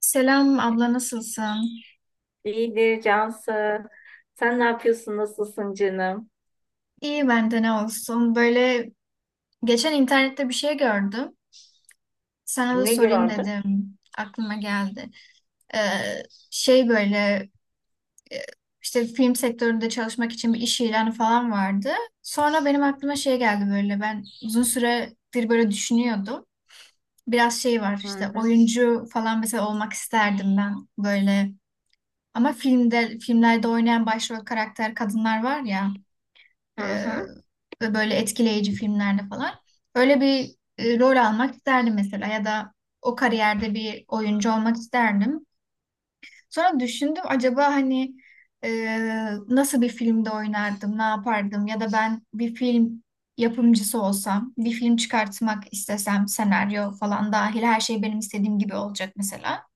Selam abla, nasılsın? İyidir Cansı. Sen ne yapıyorsun? Nasılsın canım? İyi, bende ne olsun. Böyle geçen internette bir şey gördüm. Sana da Ne sorayım gördün? dedim. Aklıma geldi. Ee, şey, e, işte film sektöründe çalışmak için bir iş ilanı falan vardı. Sonra benim aklıma şey geldi böyle. Ben uzun süredir böyle düşünüyordum. Biraz şey var, Hı işte hı. oyuncu falan mesela olmak isterdim ben böyle. Ama filmlerde oynayan başrol karakter kadınlar var ya. Hı Ee, hı. ve böyle etkileyici filmlerde falan. Öyle bir rol almak isterdim mesela, ya da o kariyerde bir oyuncu olmak isterdim. Sonra düşündüm, acaba hani e, nasıl bir filmde oynardım, ne yapardım, ya da ben bir film yapımcısı olsam, bir film çıkartmak istesem, senaryo falan dahil her şey benim istediğim gibi olacak mesela.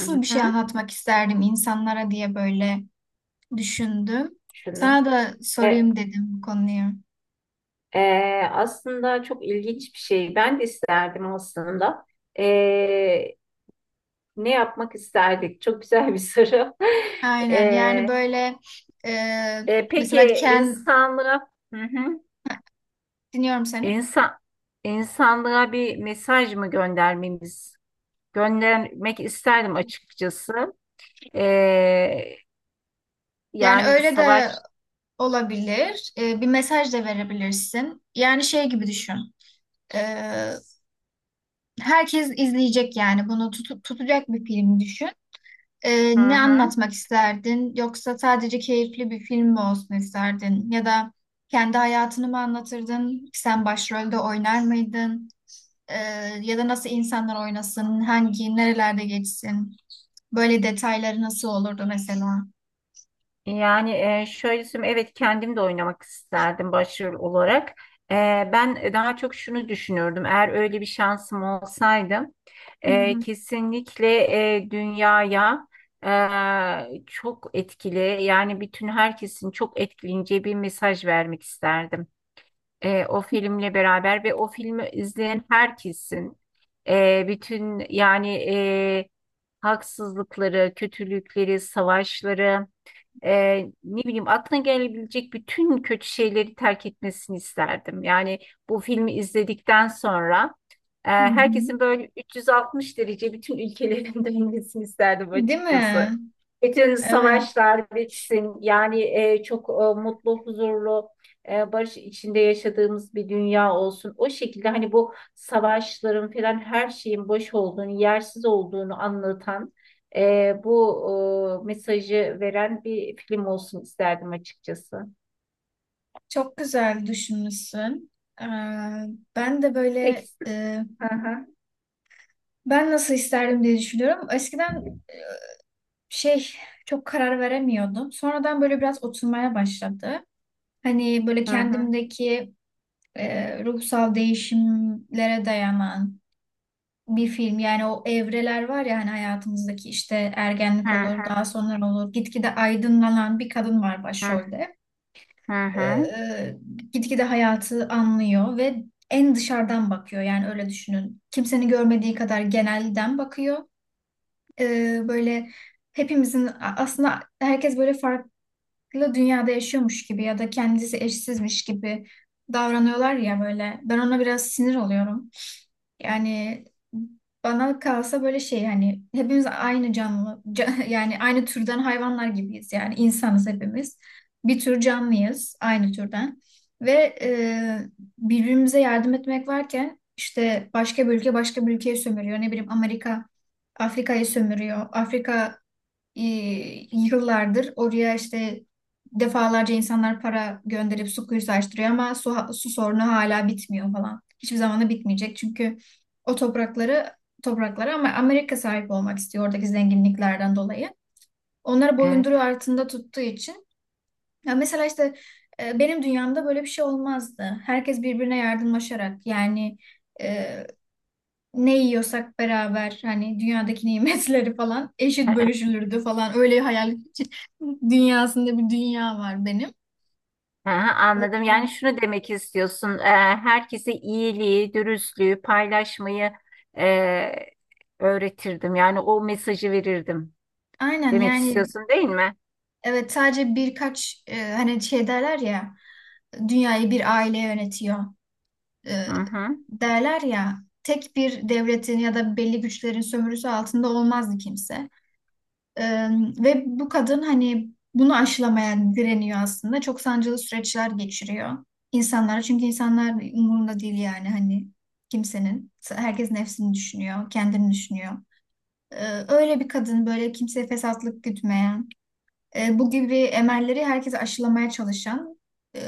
Hı bir şey hı. anlatmak isterdim insanlara diye böyle düşündüm. Şunu. Sana da E, sorayım dedim bu konuyu. Aslında çok ilginç bir şey. Ben de isterdim aslında. E, Ne yapmak isterdik? Çok güzel bir soru. Aynen, yani E, böyle e, peki mesela ken insanlara, hı hı. dinliyorum seni. İnsan, insanlara bir mesaj mı göndermemiz? Göndermek isterdim açıkçası. E, Yani Yani öyle de savaş. olabilir. E, bir mesaj da verebilirsin. Yani şey gibi düşün. E, herkes izleyecek yani, bunu tutacak bir film düşün. E, Hı ne hı. anlatmak isterdin? Yoksa sadece keyifli bir film mi olsun isterdin? Ya da kendi hayatını mı anlatırdın? Sen başrolde oynar mıydın? Ee, ya da nasıl insanlar oynasın, hangi, nerelerde geçsin. Böyle detayları nasıl olurdu mesela? Yani şöyle söyleyeyim, evet kendim de oynamak isterdim başrol olarak. E, Ben daha çok şunu düşünürdüm. Eğer öyle bir şansım olsaydı, Hı hı, kesinlikle, dünyaya çok etkili, yani bütün herkesin çok etkileyeceği bir mesaj vermek isterdim. O filmle beraber ve o filmi izleyen herkesin, bütün yani haksızlıkları, kötülükleri, savaşları, e, ne bileyim aklına gelebilecek bütün kötü şeyleri terk etmesini isterdim. Yani bu filmi izledikten sonra, hı hı. herkesin böyle 360 derece bütün ülkelerin dönmesini isterdim Değil mi? açıkçası. Bütün Evet, savaşlar bitsin. Yani çok mutlu, huzurlu, barış içinde yaşadığımız bir dünya olsun. O şekilde hani bu savaşların falan her şeyin boş olduğunu, yersiz olduğunu anlatan, bu mesajı veren bir film olsun isterdim açıkçası. çok güzel düşünmüşsün. Ee, ben de Peki. böyle Hı hı. ben nasıl isterdim diye düşünüyorum. Eskiden şey, çok karar veremiyordum. Sonradan böyle biraz oturmaya başladı. Hani böyle Hı hı. kendimdeki ruhsal değişimlere dayanan bir film, yani o evreler var ya hani hayatımızdaki, işte Hı ergenlik olur, hı. daha sonra olur, gitgide aydınlanan bir kadın var başrolde. Hı hı. Hı. ee, gitgide hayatı anlıyor ve en dışarıdan bakıyor, yani öyle düşünün, kimsenin görmediği kadar genelden bakıyor. Böyle hepimizin aslında, herkes böyle farklı farklı dünyada yaşıyormuş gibi ya da kendisi eşsizmiş gibi davranıyorlar ya böyle. Ben ona biraz sinir oluyorum. Yani bana kalsa böyle şey, hani hepimiz aynı canlı yani aynı türden hayvanlar gibiyiz, yani insanız hepimiz. Bir tür canlıyız, aynı türden, ve birbirimize yardım etmek varken işte başka bir ülke başka bir ülkeyi sömürüyor. Ne bileyim, Amerika Afrika'yı sömürüyor. Afrika e, yıllardır oraya işte defalarca insanlar para gönderip su kuyusu açtırıyor ama su sorunu hala bitmiyor falan. Hiçbir zaman da bitmeyecek çünkü o toprakları topraklara ama Amerika sahip olmak istiyor, oradaki zenginliklerden dolayı. Onları Evet. boyunduruğu altında tuttuğu için. Ya mesela işte benim dünyamda böyle bir şey olmazdı. Herkes birbirine yardımlaşarak, yani e, ne yiyorsak beraber, hani dünyadaki nimetleri falan Hı eşit hı, bölüşülürdü falan, öyle hayal dünyasında bir dünya var benim. hı hı, anladım. Yani şunu demek istiyorsun. Herkese iyiliği, dürüstlüğü, paylaşmayı, e, öğretirdim. Yani o mesajı verirdim. Aynen Demek yani, istiyorsun değil mi? evet, sadece birkaç hani şey derler ya, dünyayı bir aile yönetiyor e, Hı hı. derler ya, tek bir devletin ya da belli güçlerin sömürüsü altında olmazdı kimse. Ee, ve bu kadın hani bunu aşılamaya direniyor aslında. Çok sancılı süreçler geçiriyor insanlar. Çünkü insanlar umurunda değil, yani hani kimsenin. Herkes nefsini düşünüyor, kendini düşünüyor. Öyle bir kadın, böyle kimseye fesatlık gütmeyen, bu gibi emelleri herkese aşılamaya çalışan, e,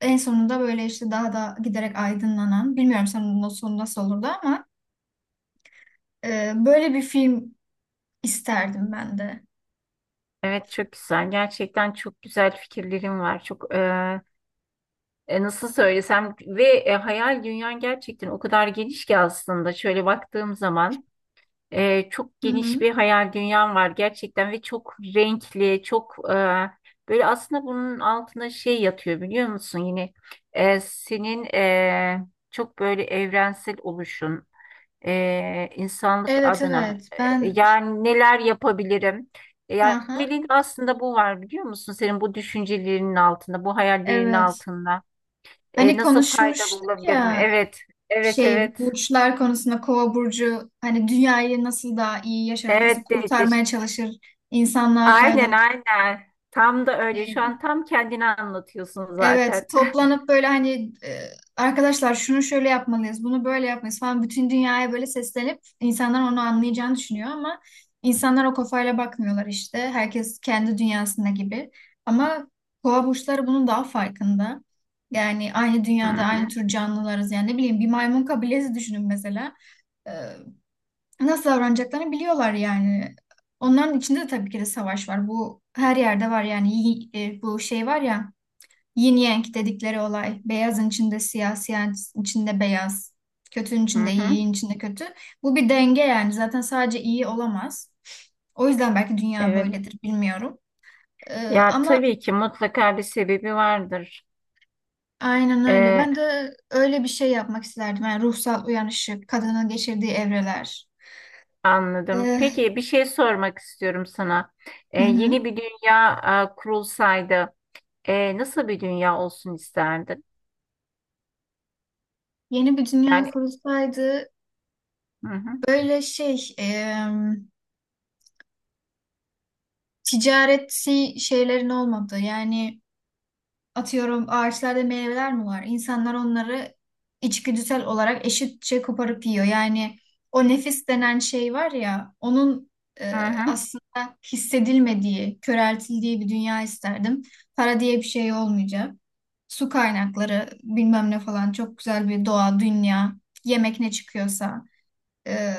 en sonunda böyle işte daha da giderek aydınlanan, bilmiyorum sonunun sonu nasıl olurdu ama böyle bir film isterdim ben de. Evet çok güzel. Gerçekten çok güzel fikirlerim var. Çok nasıl söylesem ve hayal dünyan gerçekten o kadar geniş ki, aslında şöyle baktığım zaman çok Hı geniş hı. bir hayal dünyam var gerçekten ve çok renkli çok, böyle aslında bunun altında şey yatıyor, biliyor musun, yine senin çok böyle evrensel oluşun, insanlık Evet, adına, evet, ben. yani neler yapabilirim. Yani Aha, temelinde aslında bu var, biliyor musun, senin bu düşüncelerinin altında, bu hayallerinin evet. altında. Hani Nasıl faydalı konuşmuştuk olabilir mi? ya, Evet, evet, şey, evet. burçlar konusunda, kova burcu hani dünyayı nasıl daha iyi yaşarız, nasıl Evet Dehdiş. kurtarmaya çalışır, insanlığa Aynen, faydalı. aynen. Tam da öyle. Şu Hani an tam kendini anlatıyorsun evet, zaten. toplanıp böyle hani arkadaşlar şunu şöyle yapmalıyız, bunu böyle yapmalıyız falan, bütün dünyaya böyle seslenip insanlar onu anlayacağını düşünüyor ama insanlar o kafayla bakmıyorlar işte. Herkes kendi dünyasında gibi. Ama boğa burçları bunun daha farkında. Yani aynı Hı dünyada aynı hı, tür canlılarız. Yani ne bileyim, bir maymun kabilesi düşünün mesela. E, nasıl davranacaklarını biliyorlar yani. Onların içinde de tabii ki de savaş var. Bu her yerde var yani. Bu şey var ya, yin yang dedikleri olay. Beyazın içinde siyah, siyahın içinde beyaz. Kötünün hı içinde iyi, hı. iyinin içinde kötü. Bu bir denge yani. Zaten sadece iyi olamaz. O yüzden belki dünya Evet. böyledir, bilmiyorum. Ya Ama tabii ki mutlaka bir sebebi vardır. aynen öyle. E, Ben de öyle bir şey yapmak isterdim. Yani ruhsal uyanışı, kadının geçirdiği evreler. Anladım. Ee, Peki bir şey sormak istiyorum sana. Hı hı. Yeni bir dünya kurulsaydı, nasıl bir dünya olsun isterdin? Yeni bir dünya Yani kurulsaydı hı hı, böyle şey, ticareti, şeylerin olmadığı, yani atıyorum, ağaçlarda meyveler mi var? İnsanlar onları içgüdüsel olarak eşitçe koparıp yiyor. Yani o nefis denen şey var ya, onun hı hı. aslında hissedilmediği, köreltildiği bir dünya isterdim. Para diye bir şey olmayacak. Su kaynakları bilmem ne falan, çok güzel bir doğa, dünya, yemek ne çıkıyorsa, e,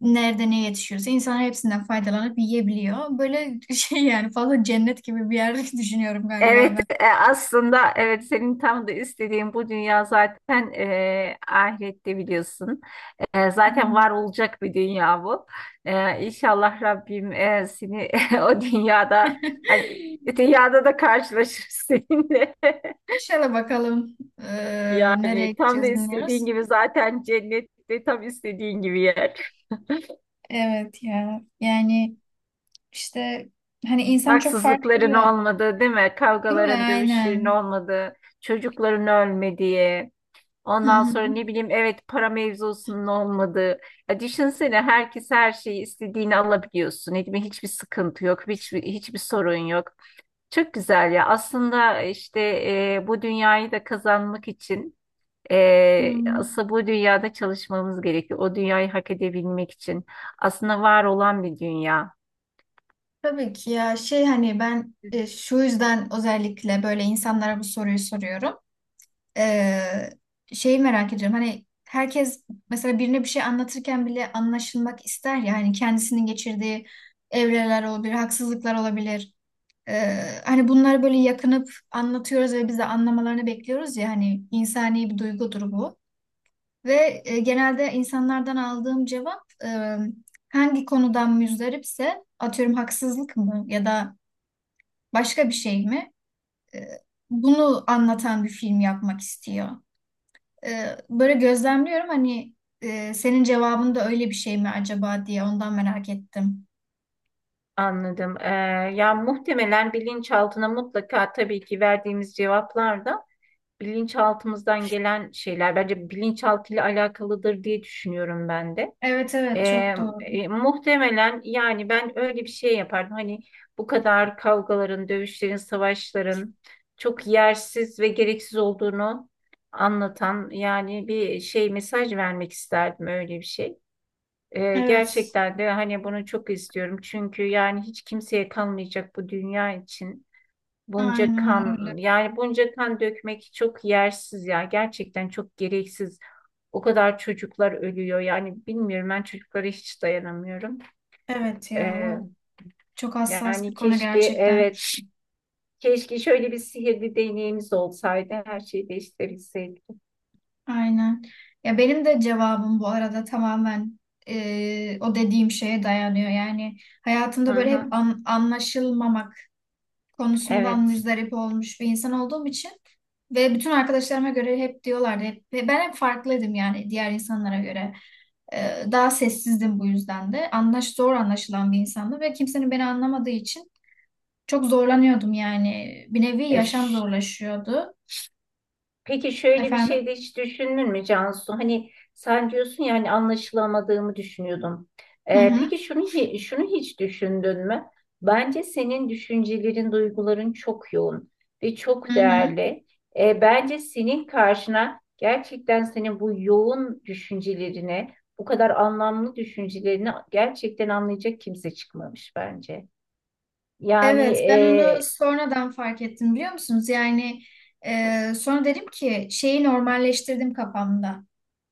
nerede ne yetişiyorsa insan hepsinden faydalanıp yiyebiliyor. Böyle şey, yani fazla cennet gibi bir yer düşünüyorum galiba Evet, aslında evet senin tam da istediğin bu dünya zaten, ahirette biliyorsun. Zaten ben. var olacak bir dünya bu. İnşallah Rabbim seni o dünyada, hani dünyada da karşılaşır seninle. İnşallah, bakalım nereye Yani tam da gideceğiz istediğin bilmiyoruz. gibi zaten, cennette tam istediğin gibi yer. Evet ya. Yani işte, hani insan çok farklı Haksızlıkların ya. olmadığı, değil mi? Değil mi? Kavgaların, dövüşlerin Aynen. olmadığı, çocukların ölmediği. Hı Ondan hı. sonra ne bileyim, evet, para mevzusunun olmadığı. Ya düşünsene, herkes her şeyi istediğini alabiliyorsun. Ne bileyim, hiçbir sıkıntı yok, hiçbir sorun yok. Çok güzel ya. Aslında işte bu dünyayı da kazanmak için, Hmm. aslında bu dünyada çalışmamız gerekiyor. O dünyayı hak edebilmek için. Aslında var olan bir dünya. Tabii ki ya, şey hani ben Hı. Şu yüzden özellikle böyle insanlara bu soruyu soruyorum. Ee, şeyi merak ediyorum hani, herkes mesela birine bir şey anlatırken bile anlaşılmak ister ya, hani kendisinin geçirdiği evreler olabilir, haksızlıklar olabilir. Hani bunlar böyle yakınıp anlatıyoruz ve biz de anlamalarını bekliyoruz ya, hani insani bir duygudur bu. Ve genelde insanlardan aldığım cevap, hangi konudan müzdaripse, atıyorum haksızlık mı ya da başka bir şey mi? E, bunu anlatan bir film yapmak istiyor. E, böyle gözlemliyorum hani, senin cevabın da öyle bir şey mi acaba diye ondan merak ettim. Anladım. Ya muhtemelen bilinçaltına mutlaka tabii ki, verdiğimiz cevaplar da bilinçaltımızdan gelen şeyler. Bence bilinçaltıyla alakalıdır diye düşünüyorum ben de. Evet, evet çok doğru. Muhtemelen yani ben öyle bir şey yapardım. Hani bu kadar kavgaların, dövüşlerin, savaşların çok yersiz ve gereksiz olduğunu anlatan, yani bir şey, mesaj vermek isterdim öyle bir şey. Evet. Gerçekten de hani bunu çok istiyorum. Çünkü yani hiç kimseye kalmayacak bu dünya için. Bunca Aynen öyle. kan, yani bunca kan dökmek çok yersiz ya, gerçekten çok gereksiz. O kadar çocuklar ölüyor yani, bilmiyorum, ben çocuklara hiç dayanamıyorum. Evet ya, bu Ee, çok hassas bir Yani konu keşke, gerçekten. evet, keşke şöyle bir sihirli deneyimiz olsaydı, her şeyi değiştirebilseydik. Aynen. Ya benim de cevabım bu arada tamamen o dediğim şeye dayanıyor. Yani Hı hayatımda böyle hep hı, anlaşılmamak konusundan evet. müzdarip olmuş bir insan olduğum için ve bütün arkadaşlarıma göre hep diyorlardı. Hep, ve ben hep farklıydım yani diğer insanlara göre. E, daha sessizdim bu yüzden de. Zor anlaşılan bir insandım ve kimsenin beni anlamadığı için çok zorlanıyordum yani. Bir nevi E, yaşam ş- zorlaşıyordu. Peki şöyle bir şey Efendim? de hiç düşündün mü Cansu? Hani sen diyorsun ya, hani anlaşılamadığımı düşünüyordum. Hı hı. Peki şunu şunu hiç düşündün mü? Bence senin düşüncelerin, duyguların çok yoğun ve Hı çok hı. değerli. Bence senin karşına gerçekten senin bu yoğun düşüncelerine, bu kadar anlamlı düşüncelerine gerçekten anlayacak kimse çıkmamış bence. Yani Evet, ben onu sonradan fark ettim, biliyor musunuz? Yani sonra dedim ki, şeyi normalleştirdim kafamda.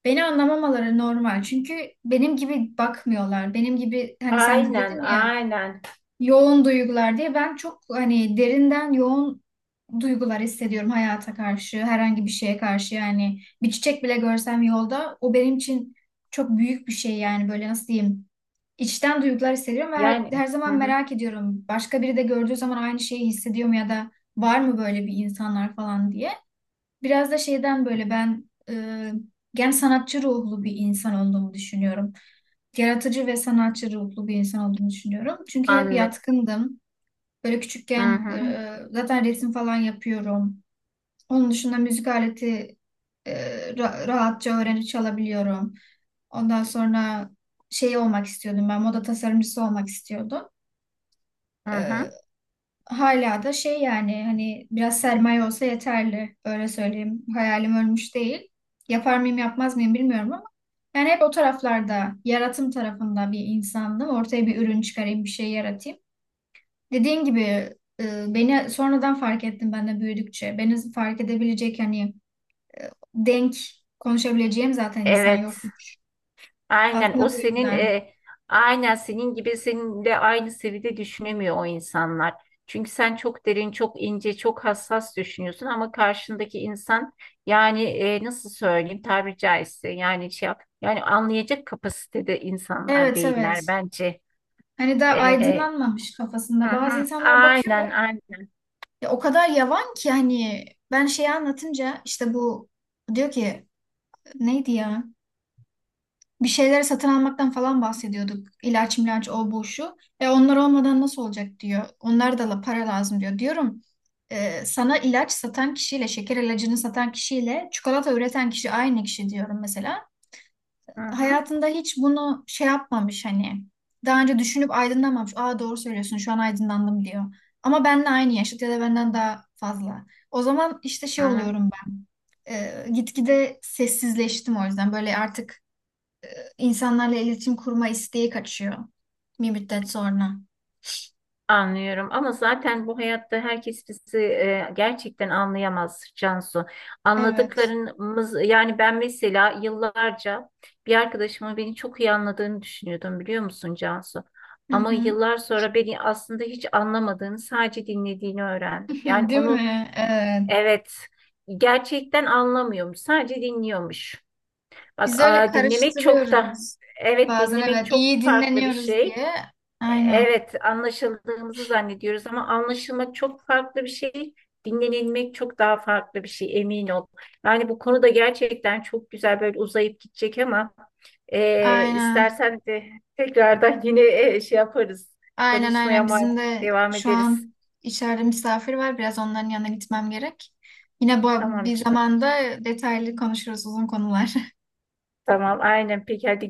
Beni anlamamaları normal. Çünkü benim gibi bakmıyorlar. Benim gibi hani, sen de aynen, dedin ya, aynen. yoğun duygular diye, ben çok hani derinden yoğun duygular hissediyorum hayata karşı, herhangi bir şeye karşı, yani bir çiçek bile görsem yolda o benim için çok büyük bir şey, yani böyle nasıl diyeyim, içten duygular hissediyorum ve Yani her hı zaman hı, merak ediyorum başka biri de gördüğü zaman aynı şeyi hissediyor mu, ya da var mı böyle bir insanlar falan diye. Biraz da şeyden böyle, ben gen sanatçı ruhlu bir insan olduğumu düşünüyorum, yaratıcı ve sanatçı ruhlu bir insan olduğumu düşünüyorum. Çünkü hep anladım. yatkındım. Böyle Hı küçükken hı. Zaten resim falan yapıyorum. Onun dışında müzik aleti e, rahatça öğrenip çalabiliyorum. Ondan sonra şey olmak istiyordum, ben moda tasarımcısı olmak istiyordum. Hı E, hı. hala da şey, yani hani biraz sermaye olsa yeterli, öyle söyleyeyim. Hayalim ölmüş değil. Yapar mıyım yapmaz mıyım bilmiyorum ama yani hep o taraflarda, yaratım tarafında bir insandım. Ortaya bir ürün çıkarayım, bir şey yaratayım. Dediğin gibi beni sonradan fark ettim ben de büyüdükçe. Beni fark edebilecek hani denk konuşabileceğim zaten insan yok. Evet. Aynen, Aslında bu yüzden. Aynen senin gibi seninle aynı seviyede düşünemiyor o insanlar. Çünkü sen çok derin, çok ince, çok hassas düşünüyorsun ama karşındaki insan, yani nasıl söyleyeyim, tabiri caizse yani yani anlayacak kapasitede insanlar Evet, değiller evet. bence. Hani daha E, aydınlanmamış kafasında. hı Bazı hı. insanlara bakıyorum. Aynen aynen. Ya o kadar yavan ki, hani ben şeyi anlatınca, işte bu diyor ki, neydi ya? Bir şeyleri satın almaktan falan bahsediyorduk. İlaç milaç o bu şu. E, onlar olmadan nasıl olacak diyor. Onlar da para lazım diyor. Diyorum, sana ilaç satan kişiyle, şeker ilacını satan kişiyle, çikolata üreten kişi aynı kişi, diyorum mesela. Hı hı. Hayatında hiç bunu şey yapmamış hani. Daha önce düşünüp aydınlanmamış. Aa, doğru söylüyorsun, şu an aydınlandım diyor. Ama benle aynı yaşıt ya da benden daha fazla. O zaman işte şey Hı hı. oluyorum ben. E, gitgide sessizleştim o yüzden. Böyle artık İnsanlarla iletişim kurma isteği kaçıyor bir müddet sonra. Anlıyorum ama zaten bu hayatta herkes bizi gerçekten anlayamaz Cansu. Evet. Anladıklarımız, yani ben mesela yıllarca bir arkadaşımın beni çok iyi anladığını düşünüyordum, biliyor musun Cansu? Hı Ama hı. yıllar sonra beni aslında hiç anlamadığını, sadece dinlediğini öğrendim. Yani Değil onu, mi? Evet. evet, gerçekten anlamıyormuş, sadece dinliyormuş. Bak, Biz öyle dinlemek çok da, karıştırıyoruz. evet, Bazen dinlemek evet, çok iyi farklı bir dinleniyoruz şey. diye. Aynen. Evet, anlaşıldığımızı zannediyoruz ama anlaşılmak çok farklı bir şey, dinlenilmek çok daha farklı bir şey, emin ol. Yani bu konuda gerçekten çok güzel böyle uzayıp gidecek ama, Aynen. istersen de tekrardan yine şey yaparız, Aynen, konuşmaya aynen. Bizim de devam şu ederiz. an içeride misafir var. Biraz onların yanına gitmem gerek. Yine bu Tamam bir canım, zamanda detaylı konuşuruz, uzun konular. tamam, aynen, peki, hadi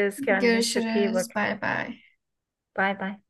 kendine çok iyi bak, Görüşürüz. Bay bay. bay bay.